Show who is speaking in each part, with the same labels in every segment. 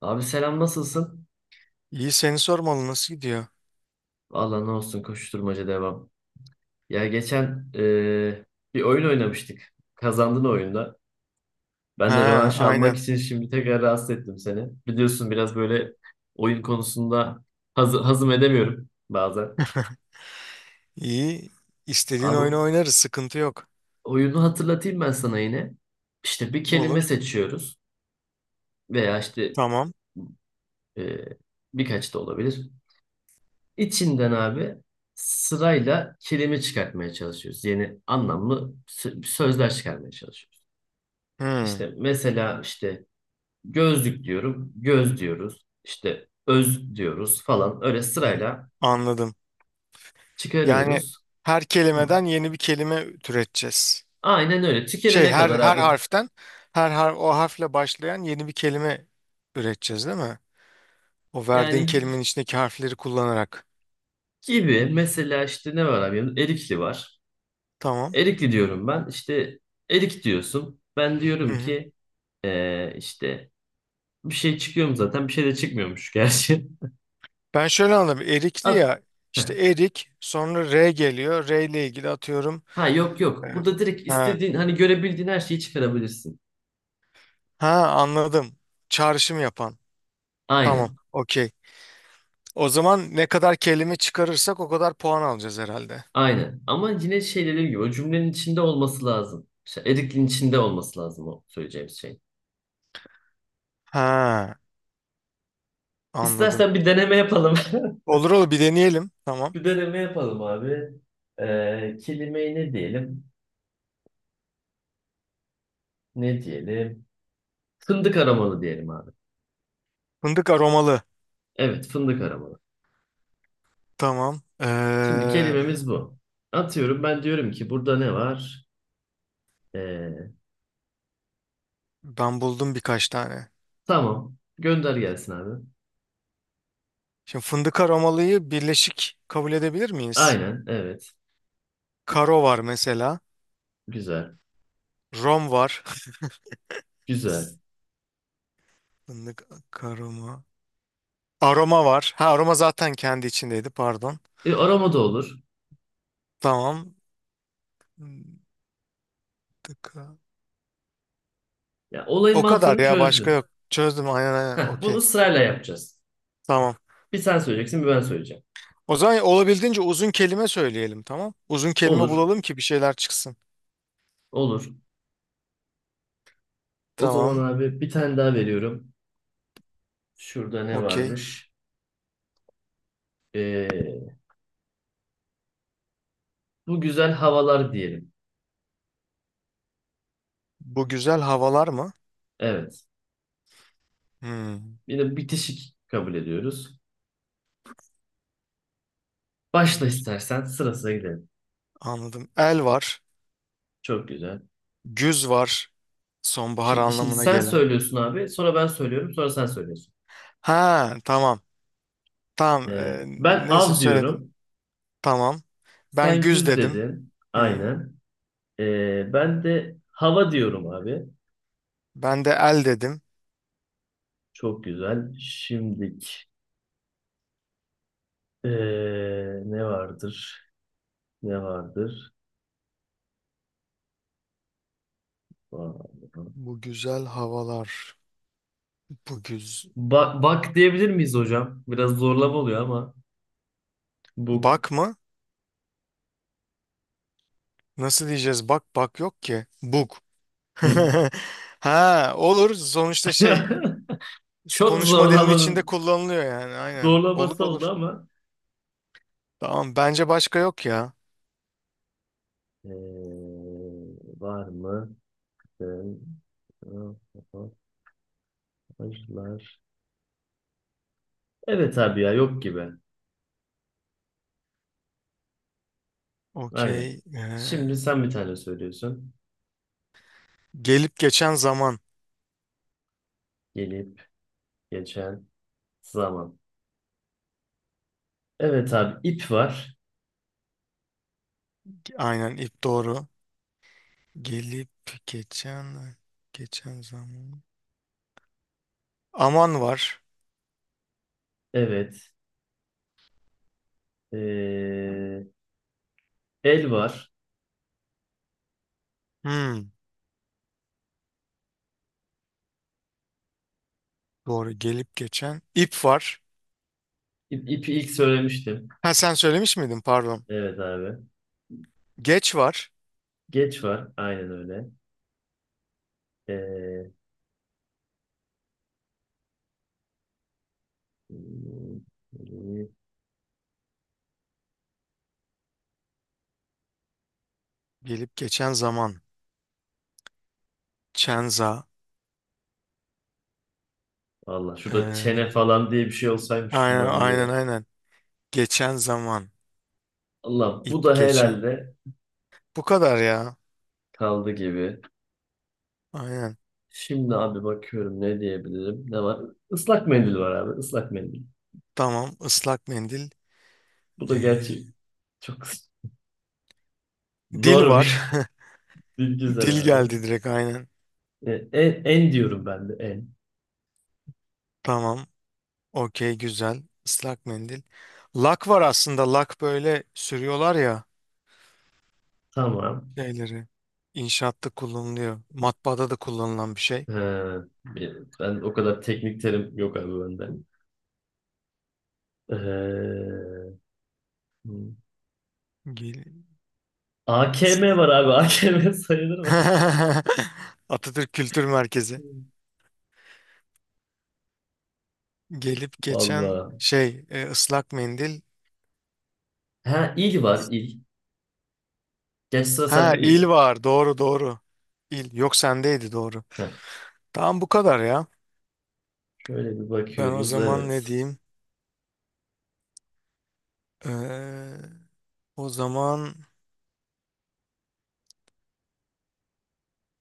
Speaker 1: Abi selam nasılsın?
Speaker 2: İyi, seni sormalı, nasıl gidiyor?
Speaker 1: Valla ne olsun koşturmaca devam. Ya geçen bir oyun oynamıştık. Kazandın oyunda. Ben de
Speaker 2: Ha,
Speaker 1: rövanş almak
Speaker 2: aynen.
Speaker 1: için şimdi tekrar rahatsız ettim seni. Biliyorsun biraz böyle oyun konusunda hazım edemiyorum bazen.
Speaker 2: İyi. İstediğin oyunu
Speaker 1: Abi
Speaker 2: oynarız, sıkıntı yok.
Speaker 1: oyunu hatırlatayım ben sana yine. İşte bir kelime
Speaker 2: Olur.
Speaker 1: seçiyoruz veya işte
Speaker 2: Tamam.
Speaker 1: eee, birkaç da olabilir. İçinden abi sırayla kelime çıkartmaya çalışıyoruz. Yeni anlamlı sözler çıkarmaya çalışıyoruz.
Speaker 2: Hmm.
Speaker 1: İşte mesela işte gözlük diyorum, göz diyoruz. İşte öz diyoruz falan. Öyle
Speaker 2: Hmm.
Speaker 1: sırayla
Speaker 2: Anladım. Yani
Speaker 1: çıkarıyoruz.
Speaker 2: her
Speaker 1: Hı.
Speaker 2: kelimeden yeni bir kelime türeteceğiz.
Speaker 1: Aynen öyle. Tükenene
Speaker 2: Her
Speaker 1: kadar
Speaker 2: her
Speaker 1: abi.
Speaker 2: harften her har o harfle başlayan yeni bir kelime üreteceğiz, değil mi? O verdiğin
Speaker 1: Yani
Speaker 2: kelimenin içindeki harfleri kullanarak.
Speaker 1: gibi mesela işte ne var abi? Erikli var.
Speaker 2: Tamam.
Speaker 1: Erikli diyorum ben. İşte erik diyorsun. Ben
Speaker 2: Hı
Speaker 1: diyorum
Speaker 2: hı.
Speaker 1: ki işte bir şey çıkıyor mu zaten? Bir şey de çıkmıyormuş gerçi.
Speaker 2: Ben şöyle anladım. Erikli
Speaker 1: At.
Speaker 2: ya,
Speaker 1: Heh.
Speaker 2: işte erik, sonra R geliyor. R ile ilgili atıyorum.
Speaker 1: Ha yok
Speaker 2: e,
Speaker 1: yok. Burada direkt
Speaker 2: Ha.
Speaker 1: istediğin hani görebildiğin her şeyi çıkarabilirsin.
Speaker 2: Ha, anladım. Çağrışım yapan. Tamam.
Speaker 1: Aynen.
Speaker 2: Okey. O zaman ne kadar kelime çıkarırsak o kadar puan alacağız herhalde.
Speaker 1: Aynen. Ama yine şey dediğim gibi o cümlenin içinde olması lazım. Şey, Erik'in içinde olması lazım o söyleyeceğimiz şey.
Speaker 2: Ha, anladım.
Speaker 1: İstersen bir deneme yapalım.
Speaker 2: Olur olur, bir deneyelim. Tamam.
Speaker 1: Bir deneme yapalım abi. Kelimeyi ne diyelim? Ne diyelim? Fındık aramalı diyelim abi.
Speaker 2: Fındık aromalı.
Speaker 1: Evet, fındık aramalı.
Speaker 2: Tamam.
Speaker 1: Şimdi kelimemiz bu. Atıyorum ben diyorum ki burada ne var? Ee,
Speaker 2: Ben buldum birkaç tane.
Speaker 1: tamam. Gönder gelsin abi.
Speaker 2: Şimdi fındık aromalıyı birleşik kabul edebilir miyiz?
Speaker 1: Aynen, evet.
Speaker 2: Karo var mesela.
Speaker 1: Güzel.
Speaker 2: Rom var.
Speaker 1: Güzel.
Speaker 2: Fındık aroma. Aroma var. Ha, aroma zaten kendi içindeydi, pardon.
Speaker 1: E, arama da olur.
Speaker 2: Tamam. Fındık.
Speaker 1: Ya, olayın
Speaker 2: O kadar
Speaker 1: mantığını
Speaker 2: ya, başka
Speaker 1: çözdün.
Speaker 2: yok. Çözdüm, aynen aynen,
Speaker 1: Heh, bunu
Speaker 2: okey.
Speaker 1: sırayla yapacağız.
Speaker 2: Tamam.
Speaker 1: Bir sen söyleyeceksin, bir ben söyleyeceğim.
Speaker 2: O zaman olabildiğince uzun kelime söyleyelim, tamam. Uzun kelime
Speaker 1: Olur.
Speaker 2: bulalım ki bir şeyler çıksın.
Speaker 1: Olur. O zaman
Speaker 2: Tamam,
Speaker 1: abi bir tane daha veriyorum. Şurada ne
Speaker 2: okey.
Speaker 1: varmış? E, bu güzel havalar diyelim.
Speaker 2: Bu güzel havalar mı?
Speaker 1: Evet.
Speaker 2: Hmm.
Speaker 1: Yine bitişik kabul ediyoruz. Başla
Speaker 2: Güz-
Speaker 1: istersen sırasına gidelim.
Speaker 2: Anladım. El var.
Speaker 1: Çok güzel.
Speaker 2: Güz var. Sonbahar
Speaker 1: Şimdi
Speaker 2: anlamına
Speaker 1: sen
Speaker 2: gelen.
Speaker 1: söylüyorsun abi. Sonra ben söylüyorum. Sonra sen söylüyorsun.
Speaker 2: Ha, tamam. Tamam.
Speaker 1: E, ben
Speaker 2: Neyse,
Speaker 1: av
Speaker 2: söyledim.
Speaker 1: diyorum.
Speaker 2: Tamam. Ben
Speaker 1: Sen
Speaker 2: güz
Speaker 1: güz
Speaker 2: dedim.
Speaker 1: dedin.
Speaker 2: Hı.
Speaker 1: Aynen. Ben de hava diyorum abi.
Speaker 2: Ben de el dedim.
Speaker 1: Çok güzel. Şimdilik ee, ne vardır? Ne vardır?
Speaker 2: Bu güzel havalar. Bu güz...
Speaker 1: Bak, bak diyebilir miyiz hocam? Biraz zorlama oluyor ama. Buk.
Speaker 2: Bak mı? Nasıl diyeceğiz? Bak bak yok ki. Bug.
Speaker 1: Hı.
Speaker 2: Ha, olur. Sonuçta şey,
Speaker 1: Çok
Speaker 2: konuşma dilin içinde
Speaker 1: zorlamanın
Speaker 2: kullanılıyor yani. Aynen. Olur
Speaker 1: zorlaması oldu
Speaker 2: olur.
Speaker 1: ama.
Speaker 2: Tamam. Bence başka yok ya.
Speaker 1: Ee, var mı? Mesajlar. Evet abi ya yok gibi. Aynen.
Speaker 2: Okey.
Speaker 1: Şimdi sen bir tane söylüyorsun.
Speaker 2: Gelip geçen zaman.
Speaker 1: Gelip geçen zaman. Evet abi ip var.
Speaker 2: Aynen, ip doğru. Gelip geçen zaman. Aman var.
Speaker 1: Evet. Ee, el var.
Speaker 2: Hmm, doğru. Gelip geçen. İp var.
Speaker 1: İp, ipi ilk söylemiştim.
Speaker 2: Ha, sen söylemiş miydin? Pardon.
Speaker 1: Evet abi.
Speaker 2: Geç var.
Speaker 1: Geç var. Aynen öyle. Ee, hmm,
Speaker 2: Gelip geçen zaman. Çenza.
Speaker 1: Allah şurada çene
Speaker 2: Ee,
Speaker 1: falan diye bir şey olsaymış
Speaker 2: Aynen
Speaker 1: şunların
Speaker 2: aynen
Speaker 1: yere.
Speaker 2: aynen. Geçen zaman.
Speaker 1: Allah bu
Speaker 2: İp
Speaker 1: da
Speaker 2: geçen.
Speaker 1: herhalde
Speaker 2: Bu kadar ya.
Speaker 1: kaldı gibi.
Speaker 2: Aynen.
Speaker 1: Şimdi abi bakıyorum ne diyebilirim. Ne var? Islak mendil var abi. Islak mendil.
Speaker 2: Tamam. Islak mendil.
Speaker 1: Bu da
Speaker 2: Ee,
Speaker 1: gerçi çok
Speaker 2: Dil
Speaker 1: zor bir
Speaker 2: var.
Speaker 1: bir
Speaker 2: Dil
Speaker 1: güzel abi.
Speaker 2: geldi direkt, aynen.
Speaker 1: En diyorum ben de en.
Speaker 2: Tamam. Okey, güzel. Islak mendil. Lak var aslında. Lak böyle sürüyorlar ya
Speaker 1: Tamam.
Speaker 2: şeyleri. İnşaatta kullanılıyor. Matbaada da kullanılan bir şey.
Speaker 1: He, ben o kadar teknik terim yok abi bende. Ee,
Speaker 2: Gel
Speaker 1: AKM
Speaker 2: ıslak.
Speaker 1: var abi. AKM sayılır mı?
Speaker 2: Atatürk Kültür Merkezi. Gelip geçen
Speaker 1: Vallahi.
Speaker 2: şey ıslak mendil.
Speaker 1: Ha il var il. Geç sıra
Speaker 2: Ha,
Speaker 1: sende
Speaker 2: il
Speaker 1: miydi?
Speaker 2: var, doğru doğru. İl yok, sendeydi doğru.
Speaker 1: Heh,
Speaker 2: Tamam, bu kadar ya.
Speaker 1: şöyle bir
Speaker 2: Ben o
Speaker 1: bakıyoruz.
Speaker 2: zaman
Speaker 1: Evet.
Speaker 2: ne diyeyim? Ee, O zaman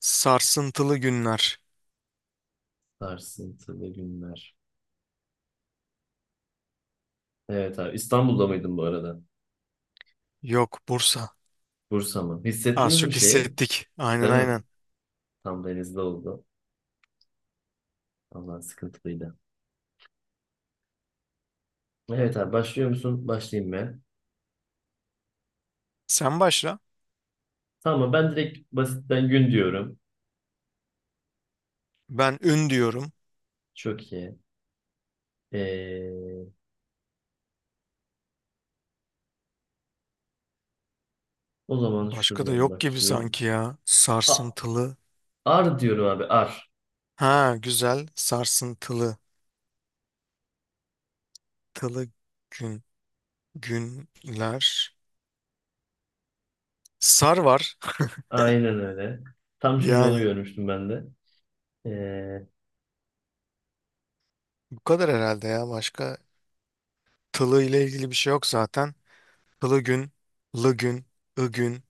Speaker 2: sarsıntılı günler.
Speaker 1: Sarsıntılı günler. Evet abi. İstanbul'da mıydın bu arada?
Speaker 2: Yok, Bursa.
Speaker 1: Bursa mı?
Speaker 2: Az
Speaker 1: Hissettiniz mi
Speaker 2: çok
Speaker 1: şeyi?
Speaker 2: hissettik. Aynen
Speaker 1: Değil mi?
Speaker 2: aynen.
Speaker 1: Tam denizde oldu. Vallahi sıkıntılıydı. Evet abi başlıyor musun? Başlayayım ben.
Speaker 2: Sen başla.
Speaker 1: Tamam ben direkt basitten gün diyorum.
Speaker 2: Ben ün diyorum.
Speaker 1: Çok iyi. Ee, o zaman
Speaker 2: Başka da
Speaker 1: şuradan
Speaker 2: yok gibi
Speaker 1: bakayım.
Speaker 2: sanki ya.
Speaker 1: A-
Speaker 2: Sarsıntılı.
Speaker 1: ar diyorum abi ar.
Speaker 2: Ha, güzel. Sarsıntılı. Tılı gün. Günler. Sar var.
Speaker 1: Aynen öyle. Tam şimdi onu
Speaker 2: Yani
Speaker 1: görmüştüm ben de. Ee,
Speaker 2: bu kadar herhalde ya. Başka tılığı ile ilgili bir şey yok zaten. Tılı gün, lı gün, ı gün,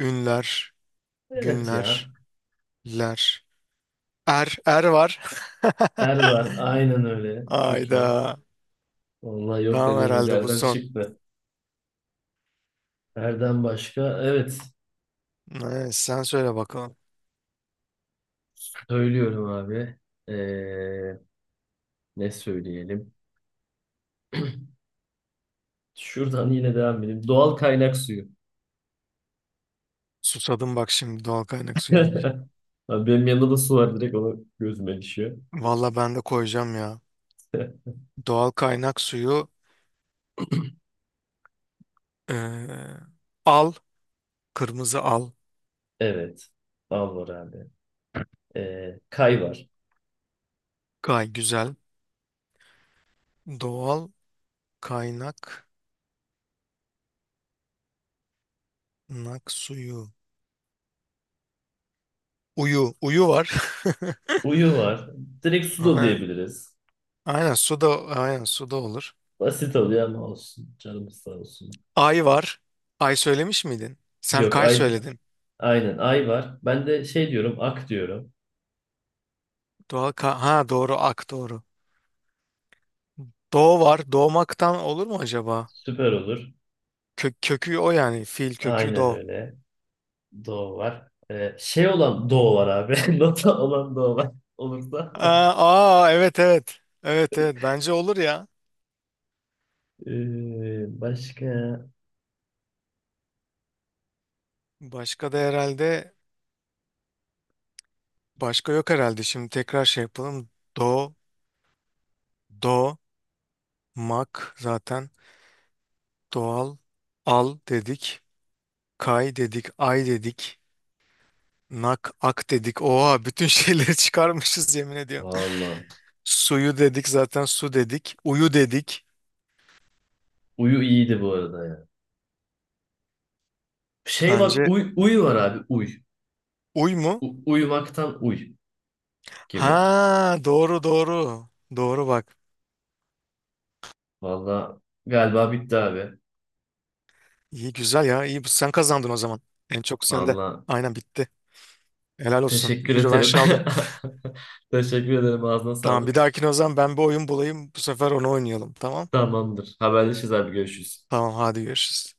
Speaker 2: ünler,
Speaker 1: evet
Speaker 2: günler,
Speaker 1: ya.
Speaker 2: ler. Er, er var.
Speaker 1: Er var. Aynen öyle. Çok iyi.
Speaker 2: Ayda.
Speaker 1: Vallahi yok
Speaker 2: Tamam,
Speaker 1: dediğimiz
Speaker 2: herhalde bu
Speaker 1: yerden
Speaker 2: son.
Speaker 1: çıktı. Erden başka. Evet.
Speaker 2: Evet, sen söyle bakalım.
Speaker 1: Söylüyorum abi. Ee, ne söyleyelim? Şuradan yine devam edelim. Doğal kaynak suyu.
Speaker 2: Susadım bak şimdi doğal kaynak suyu deyince.
Speaker 1: Abi benim yanımda da su var. Direkt ona gözüme düşüyor.
Speaker 2: Valla ben de koyacağım ya. Doğal kaynak suyu eee, al. Kırmızı al.
Speaker 1: Evet. Al var abi. Kay var.
Speaker 2: Gay güzel. Doğal kaynak nak suyu. Uyu. Uyu var.
Speaker 1: Uyu var. Direkt su da
Speaker 2: Ha,
Speaker 1: diyebiliriz.
Speaker 2: aynen su da, aynen su da olur.
Speaker 1: Basit oluyor ama olsun. Canımız sağ olsun.
Speaker 2: Ay var. Ay söylemiş miydin? Sen
Speaker 1: Yok
Speaker 2: kay
Speaker 1: ay,
Speaker 2: söyledin.
Speaker 1: aynen ay var. Ben de şey diyorum ak diyorum.
Speaker 2: Doğa ka, ha doğru, ak doğru. Doğu var. Doğmaktan olur mu acaba?
Speaker 1: Süper olur.
Speaker 2: Kö, kökü o yani. Fiil kökü
Speaker 1: Aynen
Speaker 2: doğu.
Speaker 1: öyle. Doğu var. Şey olan doğu var abi. Nota olan doğu var. Olursa.
Speaker 2: Aa, aa evet evet. Evet evet, bence olur ya.
Speaker 1: Başka.
Speaker 2: Başka da herhalde Başka yok herhalde. Şimdi tekrar şey yapalım. Do, do, mak zaten, doğal, al dedik. Kay dedik. Ay dedik. Nak, ak dedik. Oha, bütün şeyleri çıkarmışız yemin ediyorum.
Speaker 1: Vallahi.
Speaker 2: Suyu dedik zaten, su dedik. Uyu dedik.
Speaker 1: Uyu iyiydi bu arada ya. Şey var.
Speaker 2: Bence
Speaker 1: Uy, uyu var abi. Uy.
Speaker 2: uy mu?
Speaker 1: Uyumaktan uy
Speaker 2: Ha,
Speaker 1: gibi.
Speaker 2: doğru doğru. Doğru bak.
Speaker 1: Vallahi galiba bitti abi.
Speaker 2: İyi, güzel ya. İyi, sen kazandın o zaman. En çok sende.
Speaker 1: Vallahi
Speaker 2: Aynen, bitti. Helal olsun.
Speaker 1: teşekkür
Speaker 2: İyi
Speaker 1: ederim.
Speaker 2: rövanş aldın.
Speaker 1: Teşekkür ederim. Ağzına
Speaker 2: Tamam, bir
Speaker 1: sağlık.
Speaker 2: dahakine o zaman ben bir oyun bulayım. Bu sefer onu oynayalım. Tamam.
Speaker 1: Tamamdır. Haberleşiriz abi. Görüşürüz.
Speaker 2: Tamam, hadi görüşürüz.